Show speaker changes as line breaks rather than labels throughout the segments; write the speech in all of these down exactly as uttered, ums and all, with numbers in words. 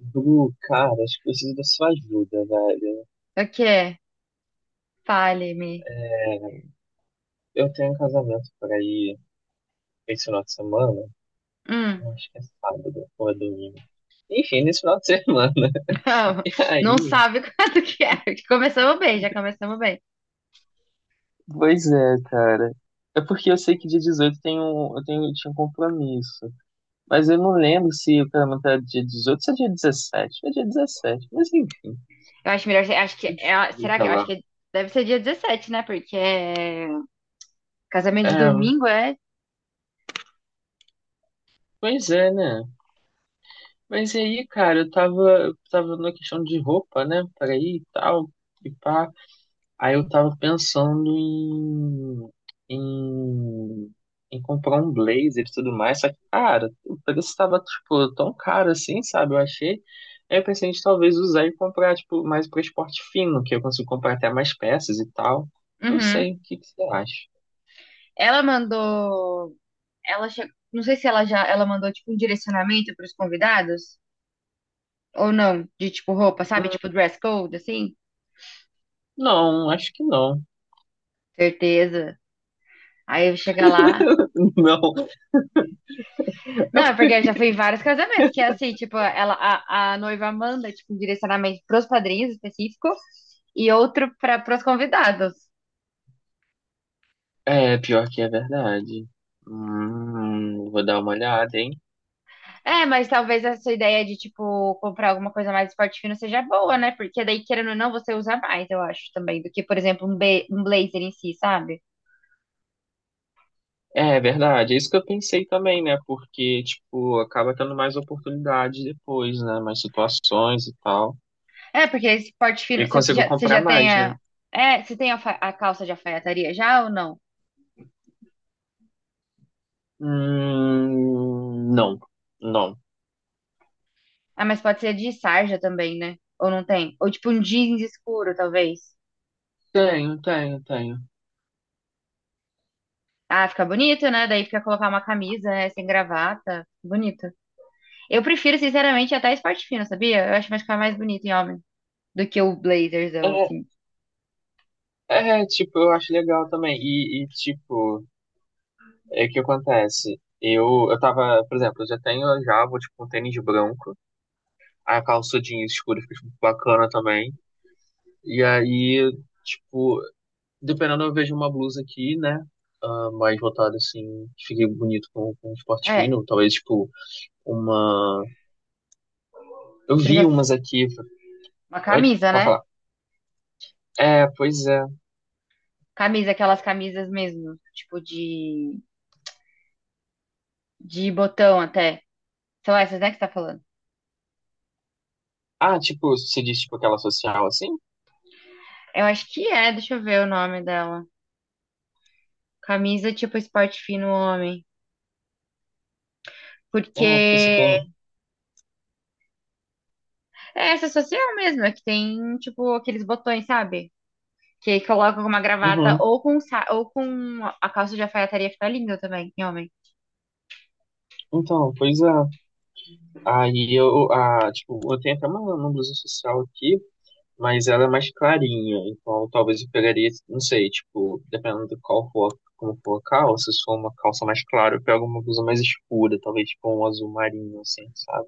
Bru, cara, acho que preciso da sua ajuda, velho.
O quê? Fale-me.
É, eu tenho um casamento por aí esse final de semana.
Hum.
Eu acho que é sábado ou é domingo. Enfim, nesse final de semana.
Não,
E
não
aí?
sabe quanto que é. Começamos bem, já começamos bem.
Pois é, cara. É porque eu sei que dia dezoito tem um, eu tenho, tinha um compromisso. Mas eu não lembro se o casamento era dia dezoito ou se é dia dezessete. É dia dezessete, mas enfim.
Eu acho melhor, acho que
Eu
é,
descubro,
será que,
sei
eu acho
lá.
que deve ser dia dezessete, né? Porque é, casamento de
É,
domingo é.
pois é, né? Mas e aí, cara, eu tava, eu tava na questão de roupa, né? Pra ir e tal, e pá. Aí eu tava pensando em, em, em comprar um blazer e tudo mais. Só que, cara, o preço tava, tipo, tão caro assim, sabe? Eu achei. Aí eu pensei em talvez usar e comprar, tipo, mais pra esporte fino, que eu consigo comprar até mais peças e tal. Não
Uhum.
sei, o que que você acha?
Ela mandou, ela che- não sei se ela já, ela mandou tipo um direcionamento para os convidados ou não, de tipo roupa,
Hum,
sabe? Tipo dress code assim?
Não, acho que não.
Certeza. Aí chega lá.
Não.
Não, é porque eu já fui em vários casamentos, que é assim, tipo, ela, a, a noiva manda, tipo, um direcionamento pros padrinhos específico e outro para pros convidados.
É, pior que é verdade. Hum, vou dar uma olhada, hein?
É, mas talvez essa ideia de, tipo, comprar alguma coisa mais de esporte fino seja boa, né? Porque daí, querendo ou não, você usa mais, eu acho, também, do que, por exemplo, um, be- um blazer em si, sabe?
É é verdade, é isso que eu pensei também, né? Porque, tipo, acaba tendo mais oportunidades depois, né? Mais situações e tal.
É, porque esse esporte
E
fino, você
consigo
já, você
comprar
já tem
mais, né?
a... É, você tem a, fa- a calça de alfaiataria já ou não?
Hum, não, não.
Ah, mas pode ser de sarja também, né? Ou não tem? Ou, tipo, um jeans escuro, talvez.
Tenho, tenho, tenho.
Ah, fica bonito, né? Daí fica colocar uma camisa, né? Sem gravata. Bonito. Eu prefiro, sinceramente, até esporte fino, sabia? Eu acho que vai ficar mais bonito em homem do que o blazerzão,
É,
assim.
é, tipo, eu acho legal também. E, e, tipo, é que acontece. Eu, eu tava, por exemplo, eu já tenho já, vou tipo um tênis branco. A calça jeans escura fica tipo, bacana também. E aí, tipo, dependendo, eu vejo uma blusa aqui, né? Ah, mais voltada assim, que fique bonito com, com um esporte
É,
fino. Talvez, tipo, uma. Eu
precisa
vi
ser
umas aqui.
uma
Oi?
camisa,
Pode
né?
falar. É, pois é.
Camisa, aquelas camisas mesmo, tipo de, de botão até. São essas, né, que você tá falando?
Ah, tipo, você diz, tipo, aquela social assim?
Eu acho que é, deixa eu ver o nome dela. Camisa tipo esporte fino homem.
É,
Porque
porque você tem.
é essa social mesmo, é que tem, tipo, aqueles botões, sabe? Que aí colocam com uma gravata
Uhum.
ou com, um sa- ou com a calça de alfaiataria fica linda também, em homem.
Então, pois é. Aí eu, ah, tipo, eu tenho até uma, uma blusa social aqui. Mas ela é mais clarinha, então talvez eu pegaria, não sei, tipo, dependendo do qual for, como for a calça, se for uma calça mais clara, eu pego uma blusa mais escura, talvez tipo um azul marinho, assim, sabe?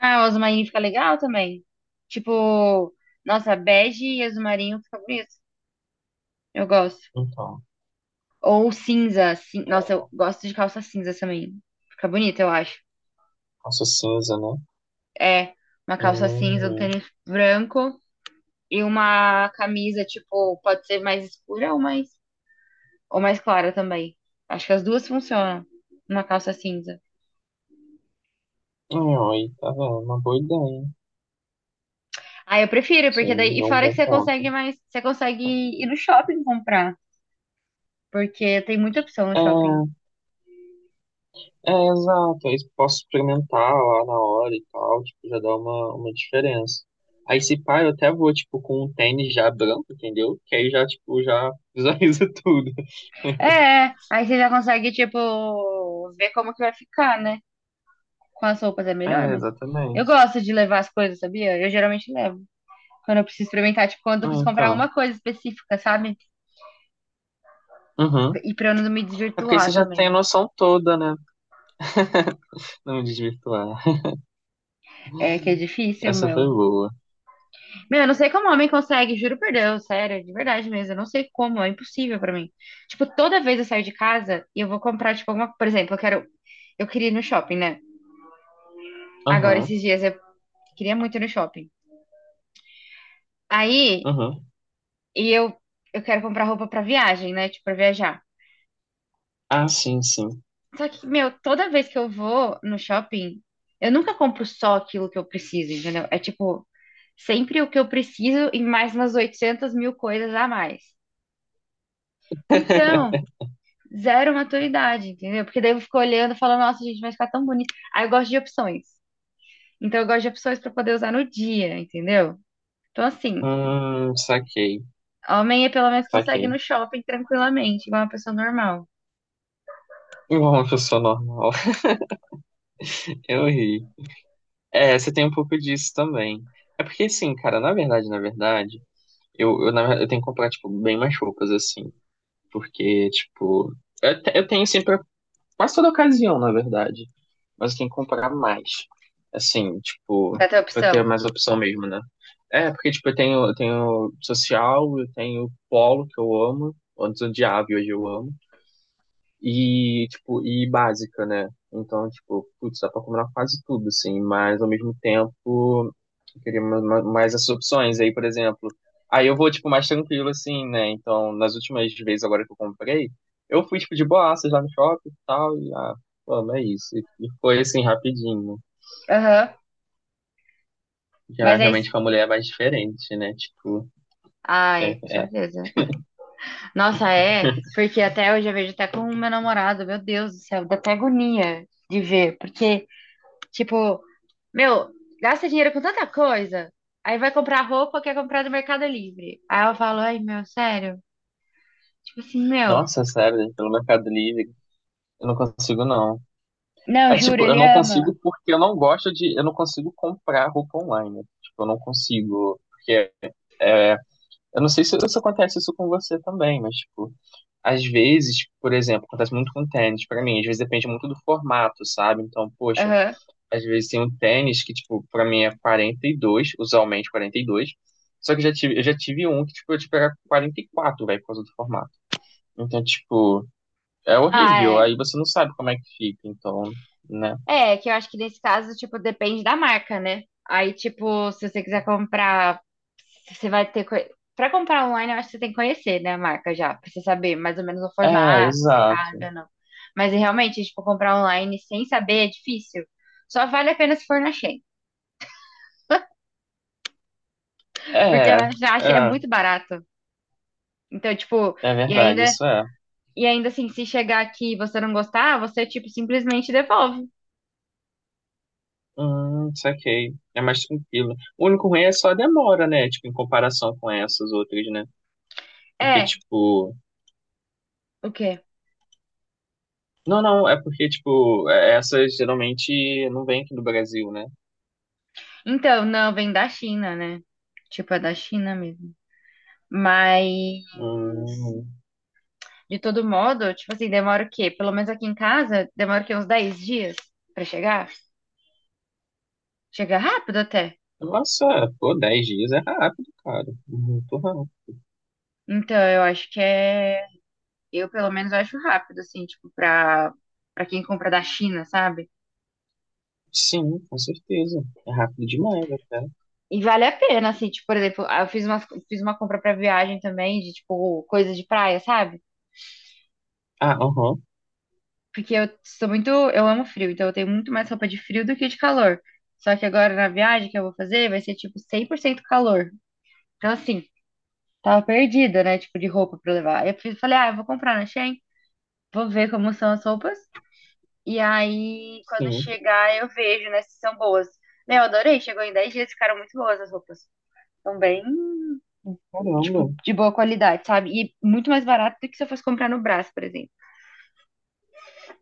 Ah, o azul marinho fica legal também. Tipo, nossa, bege e azul marinho fica bonito. Eu gosto.
Então,
Ou cinza, cin- nossa, eu
é,
gosto de calça cinza também. Fica bonito, eu acho.
calça cinza, né?
É, uma calça cinza, um
Hum,
tênis branco e uma camisa, tipo, pode ser mais escura ou mais, ou mais clara também. Acho que as duas funcionam. Uma calça cinza.
hum, aí, tá vendo? Uma boa ideia, hein?
Ah, eu prefiro,
Você
porque
me
daí. E
deu um
fora que
bom
você
ponto.
consegue mais. Você consegue ir no shopping comprar. Porque tem muita opção no shopping.
É, É, exato. Aí posso experimentar lá na hora e tal, tipo, já dá uma, uma diferença. Aí se pá, eu até vou, tipo, com um tênis já branco, entendeu? Que aí já, tipo, já visualiza tudo.
É, aí você já consegue, tipo, ver como que vai ficar, né? Com as roupas é melhor,
É,
mas eu
exatamente.
gosto de levar as coisas, sabia? Eu geralmente levo. Quando eu preciso experimentar, tipo, quando eu
Ah,
preciso comprar
então.
uma coisa específica, sabe?
Uhum.
E pra eu não me
É porque aí você
desvirtuar
já
também,
tem a
né?
noção toda, né? Não me desvirtuar.
É que é difícil,
Essa foi
meu.
boa.
Meu, eu não sei como homem consegue, juro por Deus, sério, de verdade mesmo. Eu não sei como, é impossível pra mim. Tipo, toda vez eu saio de casa e eu vou comprar, tipo, alguma. Por exemplo, eu quero. Eu queria ir no shopping, né? Agora,
Aham,
esses dias, eu queria muito ir no shopping. Aí,
aham.
e eu, eu quero comprar roupa pra viagem, né? Tipo, pra viajar.
Ah, sim, sim.
Só que, meu, toda vez que eu vou no shopping, eu nunca compro só aquilo que eu preciso, entendeu? É tipo, sempre o que eu preciso e mais umas oitocentas mil coisas a mais. Então. Zero maturidade, entendeu? Porque daí eu fico olhando e falo, nossa, gente, vai ficar tão bonito. Aí eu gosto de opções. Então eu gosto de opções pra poder usar no dia, entendeu? Então, assim,
Hum, saquei,
homem pelo menos consegue ir
saquei.
no shopping tranquilamente, igual uma pessoa normal.
Igual uma pessoa normal. Eu ri. É, você tem um pouco disso também. É porque, assim, cara, na verdade, na verdade, eu, eu, na verdade, eu tenho que comprar, tipo, bem mais roupas, assim. Porque, tipo, eu, te- eu tenho sempre, quase toda ocasião, na verdade. Mas eu tenho que comprar mais. Assim, tipo,
Pra ter
pra ter
opção.
mais opção mesmo, né? É, porque, tipo, eu tenho, eu tenho social, eu tenho polo, que eu amo. Antes eu odiava e hoje eu amo. E, tipo, e básica, né? Então, tipo, putz, dá pra combinar quase tudo, assim, mas ao mesmo tempo eu queria ma- ma- mais essas opções. Aí, por exemplo, aí eu vou, tipo, mais tranquilo, assim, né? Então, nas últimas vezes agora que eu comprei, eu fui, tipo, de boaças lá no shopping e tal, e, ah, mano, é isso. E e foi, assim, rapidinho.
Aham.
Já
Mas aí.
realmente com a mulher é mais diferente, né? Tipo,
Ah,
é,
é, com
é.
certeza. Nossa, é, porque até hoje eu vejo até com o meu namorado, meu Deus do céu, dá até agonia de ver, porque tipo, meu, gasta dinheiro com tanta coisa. Aí vai comprar roupa, quer comprar no Mercado Livre. Aí eu falo, ai, meu, sério? Tipo assim, meu.
Nossa, sério, pelo Mercado Livre, eu não consigo, não.
Não,
É
juro,
tipo, eu
ele
não
ama.
consigo porque eu não gosto de. Eu não consigo comprar roupa online. Tipo, eu não consigo. Porque é, eu não sei se, se acontece isso com você também, mas, tipo, às vezes, por exemplo, acontece muito com tênis pra mim. Às vezes depende muito do formato, sabe? Então, poxa,
Aham.
às vezes tem um tênis que, tipo, pra mim é quarenta e dois usualmente quarenta e dois. Só que eu já tive, eu já tive um que, tipo, eu tipo, era quarenta e quatro velho, por causa do formato. Então, tipo, é
Ah,
horrível.
é.
Aí você não sabe como é que fica, então, né?
É, que eu acho que nesse caso, tipo, depende da marca, né? Aí, tipo, se você quiser comprar, você vai ter. co- Pra comprar online, eu acho que você tem que conhecer, né, a marca já, pra você saber mais ou menos o
É,
formato, se cabe
exato.
ou não. Mas realmente, tipo, comprar online sem saber é difícil. Só vale a pena se for na... Porque
É,
ela já acha é
é,
muito barato. Então, tipo,
é
e
verdade,
ainda,
isso é.
e ainda assim, se chegar aqui e você não gostar, você, tipo, simplesmente devolve.
Hum, saquei. É mais tranquilo. O único ruim é só a demora, né? Tipo, em comparação com essas outras, né? Porque,
É,
tipo.
o quê?
Não, não, é porque, tipo, é- essas geralmente não vêm aqui do Brasil, né?
Então, não, vem da China, né? Tipo, é da China mesmo. Mas,
Hum,
de todo modo, tipo assim, demora o quê? Pelo menos aqui em casa, demora o quê? Uns dez dias pra chegar? Chega rápido até.
Nossa, pô, dez dias é rápido, cara. Muito rápido.
Então, eu acho que é. Eu, pelo menos, acho rápido, assim, tipo, pra, pra quem compra da China, sabe?
Sim, com certeza. É rápido demais até.
E vale a pena, assim, tipo, por exemplo, eu fiz uma, fiz uma compra pra viagem também, de, tipo, coisa de praia, sabe?
Ah, aham.
Porque eu sou muito, eu amo frio, então eu tenho muito mais roupa de frio do que de calor. Só que agora na viagem que eu vou fazer vai ser, tipo, cem por cento calor. Então, assim, tava perdida, né, tipo, de roupa pra levar. Eu fiz- falei, ah, eu vou comprar na Shein, vou ver como são as roupas. E aí, quando
Sim,
chegar, eu vejo, né, se são boas. Meu, adorei, chegou em dez dias, ficaram muito boas as roupas. São bem,
caramba.
tipo, de boa qualidade, sabe? E muito mais barato do que se eu fosse comprar no Brás, por exemplo.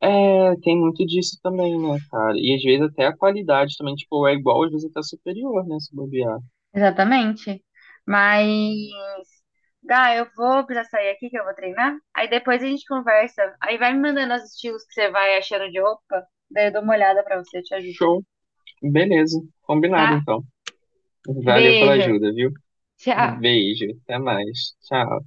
É, tem muito disso também, né, cara? E às vezes até a qualidade também, tipo, é igual, às vezes até superior, né, se bobear.
Exatamente. Mas, Gá, eu vou precisar sair aqui que eu vou treinar. Aí depois a gente conversa. Aí vai me mandando os estilos que você vai achando de roupa. Daí eu dou uma olhada pra você, eu te ajudo,
Show. Beleza. Combinado,
tá?
então. Valeu pela
Beijo.
ajuda, viu?
Tchau.
Beijo. Até mais. Tchau.